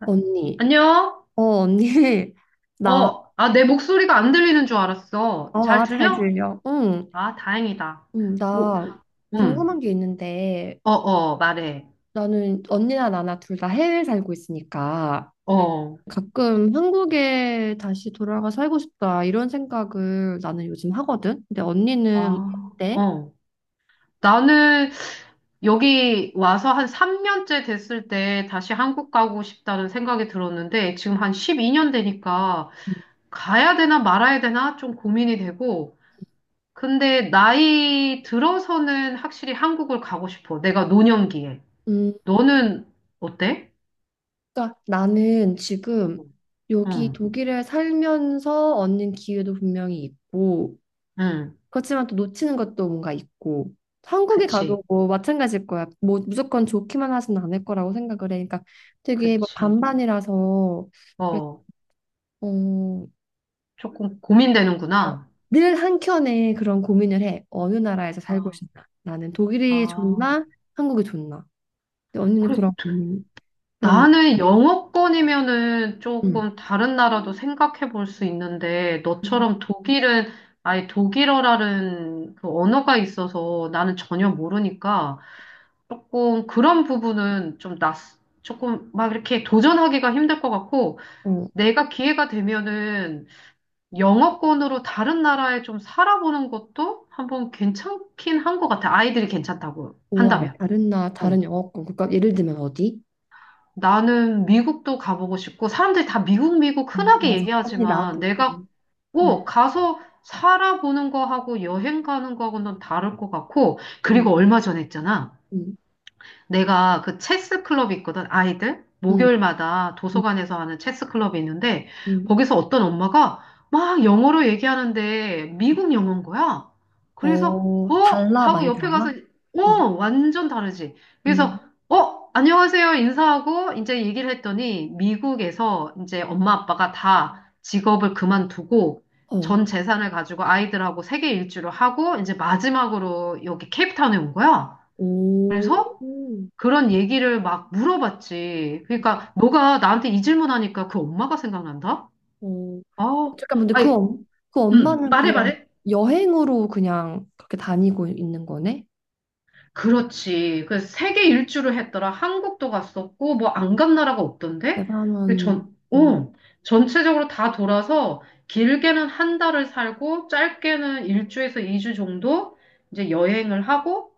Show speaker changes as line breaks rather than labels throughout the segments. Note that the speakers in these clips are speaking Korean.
아,
언니.
안녕?
언니. 나,
어, 아, 내 목소리가 안 들리는 줄 알았어.
어,
잘
아, 잘
들려?
들려. 응.
아, 다행이다.
응,
뭐,
나
음,
궁금한 게 있는데
어, 어, 말해.
나는 언니나 나나 둘 다 해외에 살고 있으니까
어,
가끔 한국에 다시 돌아가 살고 싶다 이런 생각을 나는 요즘 하거든. 근데 언니는
아,
어때?
어. 나는 여기 와서 한 3년째 됐을 때 다시 한국 가고 싶다는 생각이 들었는데 지금 한 12년 되니까
음.
가야 되나 말아야 되나 좀 고민이 되고 근데 나이 들어서는 확실히 한국을 가고 싶어. 내가 노년기에.
음.
너는 어때?
그러니까 나는 지금 여기
응.
독일에 살면서 얻는 기회도 분명히 있고,
응,
그렇지만 또 놓치는 것도 뭔가 있고 한국에
그치,
가도 뭐 마찬가지일 거야. 뭐 무조건 좋기만 하진 않을 거라고 생각을 해. 그러니까 되게 뭐
그치.
반반이라서 그래서
어,
어,
조금
어,
고민되는구나.
늘 한켠에 그런 고민을 해. 어느 나라에서 살고
아,
싶나? 나는 독일이
아.
좋나? 한국이 좋나? 근데 언니는
그래,
그런 고민. 그럼.
나는 영어권이면은
음.
조금 다른 나라도 생각해 볼 수 있는데,
음.
너처럼 독일은 아예 독일어라는 그 언어가 있어서 나는 전혀 모르니까 조금 그런 부분은 좀 낯, 조금 막 이렇게 도전하기가 힘들 것 같고,
어,
내가 기회가 되면은 영어권으로 다른 나라에 좀 살아보는 것도 한번 괜찮긴 한 것 같아. 아이들이 괜찮다고
오, 알
한다면.
다른 나
어.
다른 영어권 국가 예를 들면 어디?
나는 미국도 가보고 싶고, 사람들이 다 미국, 미국
아,
흔하게
맞아. 언니
얘기하지만,
나도.
내가
음.
꼭 가서 살아보는 거하고 여행 가는 거하고는 다를 것 같고,
음.
그리고 얼마 전에 했잖아.
음.
내가 그 체스 클럽이 있거든, 아이들.
음.
목요일마다
음.
도서관에서 하는 체스 클럽이 있는데,
음.
거기서 어떤 엄마가 막 영어로 얘기하는데, 미국 영어인 거야. 그래서,
어,
어?
달라?
하고
많이
옆에 가서,
달라?
어?
어.
완전 다르지.
음.
그래서, 어? 안녕하세요. 인사하고, 이제 얘기를 했더니, 미국에서 이제 엄마 아빠가 다 직업을 그만두고,
어.
전 재산을 가지고 아이들하고 세계 일주를 하고, 이제 마지막으로 여기 케이프타운에 온 거야.
오.
그래서, 그런 얘기를 막 물어봤지. 그러니까 너가 나한테 이 질문하니까 그 엄마가 생각난다?
어.
아,
잠깐 근데
아니,
그 엄마는
말해
그냥
말해.
여행으로 그냥 그렇게 다니고 있는 거네?
그렇지. 그 세계 일주를 했더라. 한국도 갔었고 뭐 안 간 나라가 없던데? 그
대단한
전,
엄마.
전체적으로 다 돌아서 길게는 한 달을 살고 짧게는 일주에서 이 주 정도 이제 여행을 하고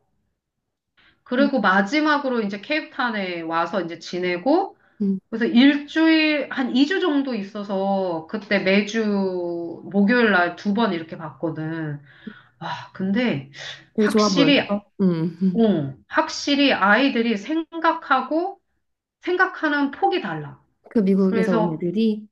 음.
그리고 마지막으로 이제 케이프타운에 와서 이제 지내고
음.
그래서 일주일, 한 2주 정도 있어서 그때 매주 목요일 날 두 번 이렇게 봤거든. 와, 근데
되게 좋아
확실히,
보였어. 음. 음.
응, 확실히 아이들이 생각하고 생각하는 폭이 달라.
그 미국에서 온
그래서
애들이.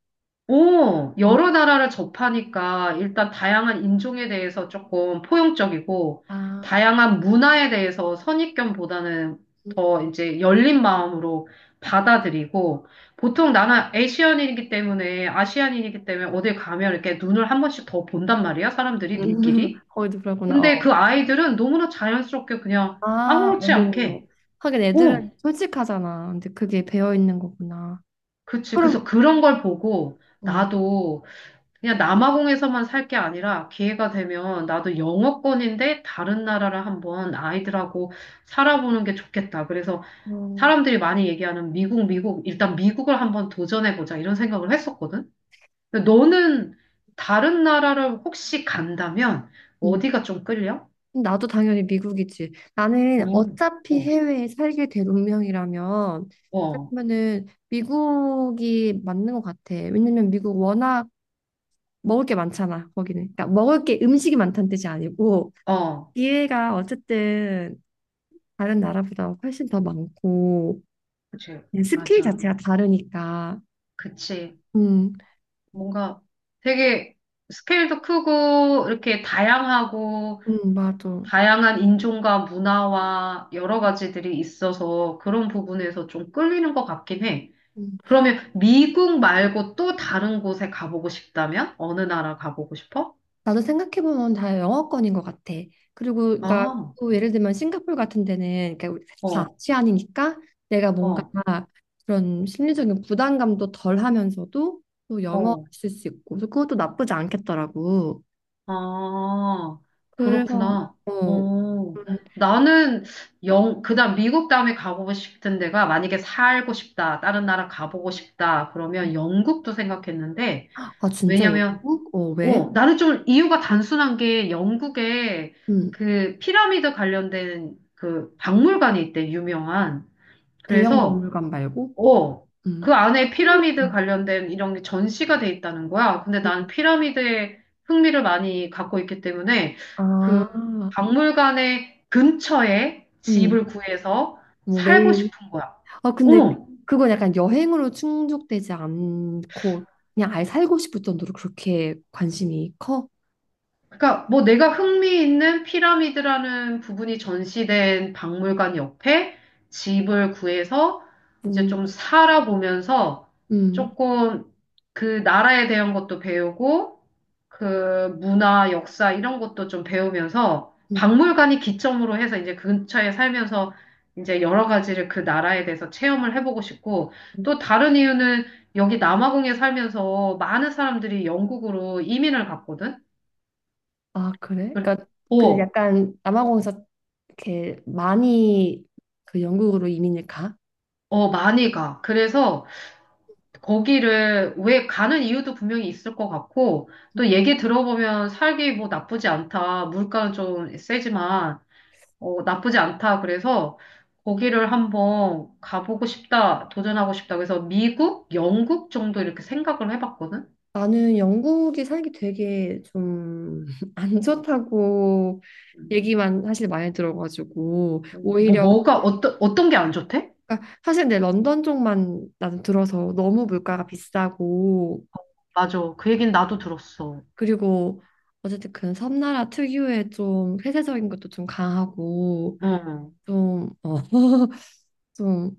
오,
음.
여러 나라를 접하니까 일단 다양한 인종에 대해서 조금 포용적이고,
아.
다양한 문화에 대해서 선입견보다는
음.
더 이제 열린 마음으로 받아들이고, 보통 나는 아시안인이기 때문에, 아시안인이기 때문에 어딜 가면 이렇게 눈을 한 번씩 더 본단 말이야, 사람들이, 눈길이.
거기도 그러구나.
근데 그
어.
아이들은 너무나 자연스럽게 그냥
아,
아무렇지
어머머머.
않게,
하긴 애들은
오,
솔직하잖아. 근데 그게 배어 있는 거구나.
그치.
그럼.
그래서 그런 걸 보고,
어,
나도 그냥 남아공에서만 살 게 아니라 기회가 되면 나도 영어권인데 다른 나라를 한번 아이들하고 살아보는 게 좋겠다. 그래서
어,
사람들이 많이 얘기하는 미국, 미국, 일단 미국을 한번 도전해보자 이런 생각을 했었거든. 근데 너는 다른 나라를 혹시 간다면
음.
어디가 좀 끌려?
나도 당연히 미국이지. 나는
어,
어차피 해외에 살게 될 운명이라면
어,
그러면은 미국이 맞는 것 같아. 왜냐면 미국 워낙 먹을 게 많잖아, 거기는. 그러니까 먹을 게 음식이 많다는 뜻이 아니고
어, 어,
기회가 어쨌든 다른 나라보다 훨씬 더 많고
그치.
스킬
맞아.
자체가 다르니까.
그치.
음.
뭔가 되게 스케일도 크고 이렇게 다양하고
맞아.
다양한 인종과 문화와 여러 가지들이 있어서 그런 부분에서 좀 끌리는 것 같긴 해.
음.
그러면 미국 말고 또 다른 곳에 가보고 싶다면? 어느 나라 가보고 싶어?
나도 생각해보면 다 영어권인 것 같아. 그리고 그러니까
아,
또 예를 들면 싱가포르 같은 데는 그러니까 우리 다
어,
아시안이니까 내가 뭔가
어,
그런 심리적인 부담감도 덜 하면서도 또 영어
어,
쓸 수 있고 그래서 그것도 나쁘지 않겠더라고.
아,
그래서.
그렇구나. 어,
음.
나는 영, 그다음 미국 다음에 가보고 싶은 데가 만약에 살고 싶다, 다른 나라 가보고 싶다, 그러면 영국도 생각했는데,
아, 진짜
왜냐면
영국? 어, 왜?
어, 나는 좀 이유가 단순한 게 영국에
음.
그 피라미드 관련된 그 박물관이 있대, 유명한.
대형
그래서,
박물관 말고?
어,
음.
그 안에 피라미드 관련된 이런 게 전시가 돼 있다는 거야. 근데 난 피라미드에 흥미를 많이 갖고 있기 때문에 그
아.
박물관의 근처에
음.
집을 구해서
뭐
살고
매일.
싶은 거야.
아, 근데
어,
그건 약간 여행으로 충족되지 않고 그냥 아예 살고 싶을 정도로 그렇게 관심이 커?
그러니까 뭐 내가 흥미 있는 피라미드라는 부분이 전시된 박물관 옆에 집을 구해서 이제
음.
좀 살아보면서
음.
조금 그 나라에 대한 것도 배우고 그 문화, 역사 이런 것도 좀 배우면서
음.
박물관이 기점으로 해서 이제 그 근처에 살면서 이제 여러 가지를 그 나라에 대해서 체험을 해보고 싶고
음.
또 다른 이유는 여기 남아공에 살면서 많은 사람들이 영국으로 이민을 갔거든.
아, 그래?
그-
그러니까 그
어,
약간 남아공에서 이렇게 많이 그 영국으로 이민을 가?
어, 많이 가. 그래서 거기를 왜 가는 이유도 분명히 있을 것 같고, 또 얘기 들어보면 살기 뭐 나쁘지 않다. 물가는 좀 세지만, 어, 나쁘지 않다. 그래서 거기를 한번 가보고 싶다. 도전하고 싶다. 그래서 미국, 영국 정도 이렇게 생각을 해봤거든?
나는 영국이 살기 되게 좀 안 좋다고
음.
얘기만 사실 많이 들어가지고 오히려
뭐가, 어떤 게 안 좋대?
그러니까 사실 내 런던 쪽만 나는 들어서 너무 물가가 비싸고
맞아. 그 얘기는 나도 들었어.
그리고 어쨌든 그 섬나라 특유의 좀 폐쇄적인 것도 좀 강하고
응,
좀, 좀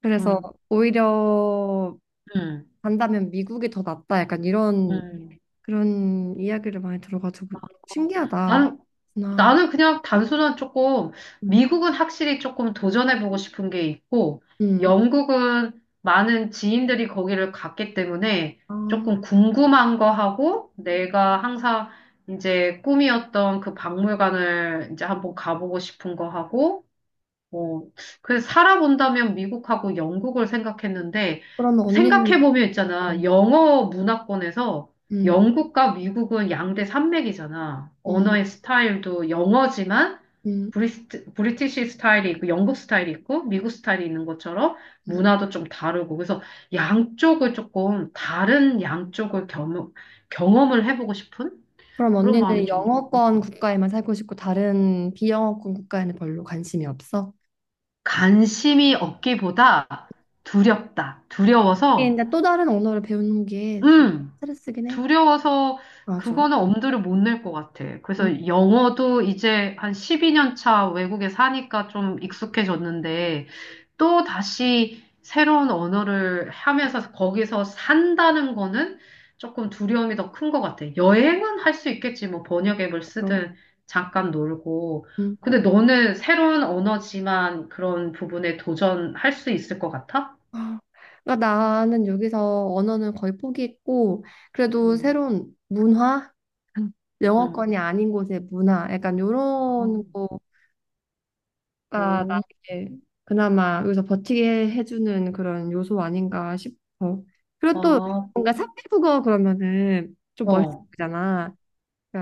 그래서
좀,
오히려
응,
간다면 미국이 더 낫다 약간 이런
응.
그런 이야기를 많이 들어가지고 신기하다.
나는
나,
나는 그냥 단순한 조금,
음.
미국은 확실히 조금 도전해보고 싶은 게 있고,
음.
영국은 많은 지인들이 거기를 갔기 때문에
아,
조금 궁금한 거 하고, 내가 항상 이제 꿈이었던 그 박물관을 이제 한번 가보고 싶은 거 하고, 어, 그래서 살아본다면 미국하고 영국을 생각했는데,
그러면 언니는
생각해보면
또.
있잖아. 영어 문화권에서
음.
영국과 미국은 양대 산맥이잖아.
음.
언어의 스타일도 영어지만
음.
브리티시 스타일이 있고, 영국 스타일이 있고, 미국 스타일이 있는 것처럼
음.
문화도 좀 다르고. 그래서 양쪽을 조금, 다른 양쪽을 경험을 해보고 싶은
그럼
그런 마음이
언니는
좀,
영어권 국가에만 살고 싶고 다른 비영어권 국가에는 별로 관심이 없어?
관심이 없기보다 두렵다.
하긴 근데 또 다른 언어를 배우는 게 진짜
음,
스트레스긴 해.
두려워서
맞아.
그거는 엄두를 못 낼 것 같아.
음,
그래서 영어도 이제 한 12년 차 외국에 사니까 좀 익숙해졌는데 또 다시 새로운 언어를 하면서 거기서 산다는 거는 조금 두려움이 더 큰 것 같아. 여행은 할 수 있겠지. 뭐 번역 앱을
맞아.
쓰든 잠깐 놀고.
음.
근데 너는 새로운 언어지만 그런 부분에 도전할 수 있을 것 같아?
아, 그러니까 나는 여기서 언어는 거의 포기했고 그래도
응,
새로운 문화,
응.
영어권이 아닌 곳의 문화, 약간
아,
요런 거가
오,
나에게 그나마 여기서 버티게 해주는 그런 요소 아닌가 싶어. 그리고 또
아,
뭔가 삼회국어 그러면은 좀
어,
멋있잖아.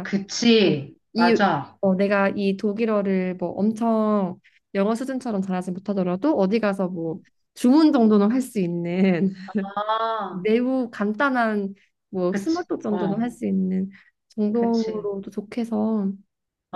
그치.
이.
맞아.
내가 이 독일어를 뭐 엄청 영어 수준처럼 잘하지 못하더라도 어디 가서 뭐 주문 정도는 할 수 있는
아,
매우 간단한 뭐
그치.
스몰톡 정도는
어,
할 수 있는
그치.
정도로도 좋게서.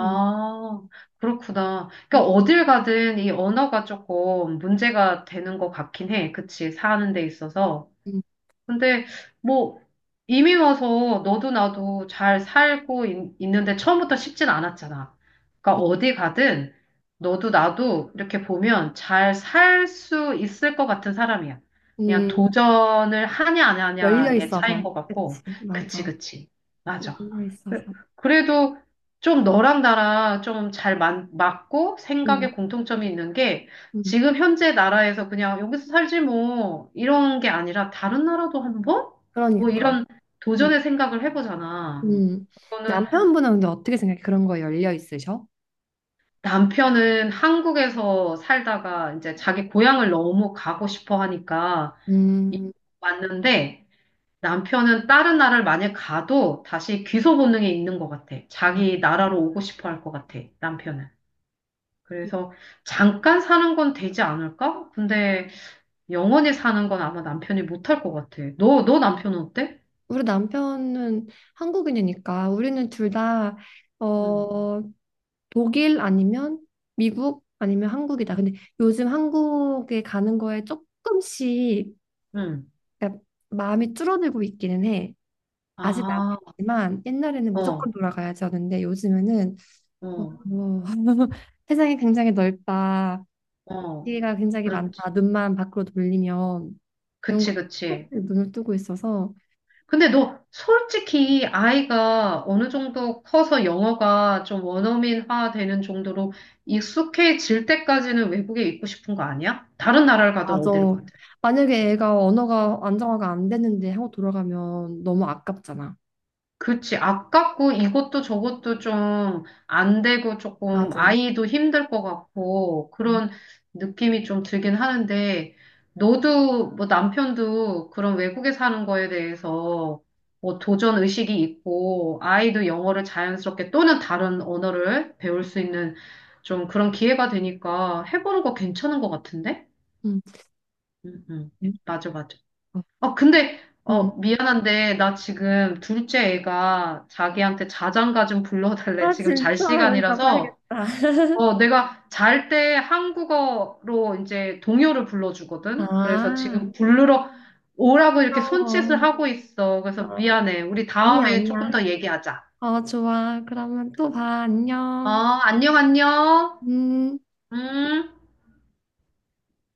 음.
그렇구나.
음.
그러니까 어딜 가든 이 언어가 조금 문제가 되는 것 같긴 해. 그치. 사는 데 있어서.
음.
근데 뭐 이미 와서 너도 나도 잘 살고 있, 는데 처음부터 쉽진 않았잖아. 그러니까 어디 가든 너도 나도 이렇게 보면 잘 살 수 있을 것 같은 사람이야. 그냥
음.
도전을 하냐 안
열려
하냐의 차이인
있어서
것 같고.
그치.
그치,
맞아.
그치. 맞아.
열려 있어서.
그- 그래도 좀 너랑 나랑 좀 잘 맞고 생각에
음.
공통점이 있는 게
음.
지금 현재 나라에서 그냥 여기서 살지 뭐 이런 게 아니라 다른 나라도 한번? 뭐
그러니까.
이런
음.
도전의 생각을 해보잖아.
음.
그거는
남편분은 근데 어떻게 생각해? 그런 거에 열려 있으셔?
남편은 한국에서 살다가 이제 자기 고향을 너무 가고 싶어 하니까 이-
음.
왔는데 남편은 다른 나라를 만약 가도 다시 귀소 본능이 있는 것 같아. 자기 나라로 오고 싶어 할 것 같아, 남편은. 그래서 잠깐 사는 건 되지 않을까? 근데 영원히 사는 건 아마 남편이 못할 것 같아. 너, 너 남편은 어때?
우리 남편은 한국인이니까 우리는 둘 다,
응,
어, 독일 아니면 미국 아니면 한국이다. 근데 요즘 한국에 가는 거에 조금씩
응.
그러니까 마음이 줄어들고 있기는 해. 아직
아,
남지만 옛날에는 무조건
어,
돌아가야지 하는데 요즘에는
어,
뭐, 세상이 굉장히 넓다.
어.
기회가 굉장히 많다.
그렇지.
눈만 밖으로 돌리면 이런 거
그치, 그치.
조금씩 눈을 뜨고 있어서
근데 너 솔직히 아이가 어느 정도 커서 영어가 좀 원어민화 되는 정도로 익숙해질 때까지는 외국에 있고 싶은 거 아니야? 다른 나라를 가든
맞아.
어디를 가든.
만약에 애가 언어가 안정화가 안 됐는데 한국 돌아가면 너무 아깝잖아.
그치. 아깝고 이것도 저것도 좀 안 되고 조금
맞아.
아이도 힘들 것 같고
응.
그런 느낌이 좀 들긴 하는데 너도 뭐 남편도 그런 외국에 사는 거에 대해서 뭐 도전 의식이 있고 아이도 영어를 자연스럽게 또는 다른 언어를 배울 수 있는 좀 그런 기회가 되니까 해보는 거 괜찮은 것 같은데?
응.
응, 응. 맞아, 맞아. 아, 근데,
응.
어, 미안한데, 나 지금 둘째 애가 자기한테 자장가 좀 불러달래.
아,
지금
진짜
잘 시간이라서,
가봐야겠다.
어, 내가 잘 때 한국어로 이제 동요를 불러주거든? 그래서
아,
지금 부르러 오라고 이렇게 손짓을
귀여워.
하고 있어. 그래서
어,
미안해. 우리
아니, 야
다음에 조금
아니야.
더 얘기하자.
어, 좋아. 그러면 또 봐.
어,
안녕.
안녕, 안녕.
음.
음.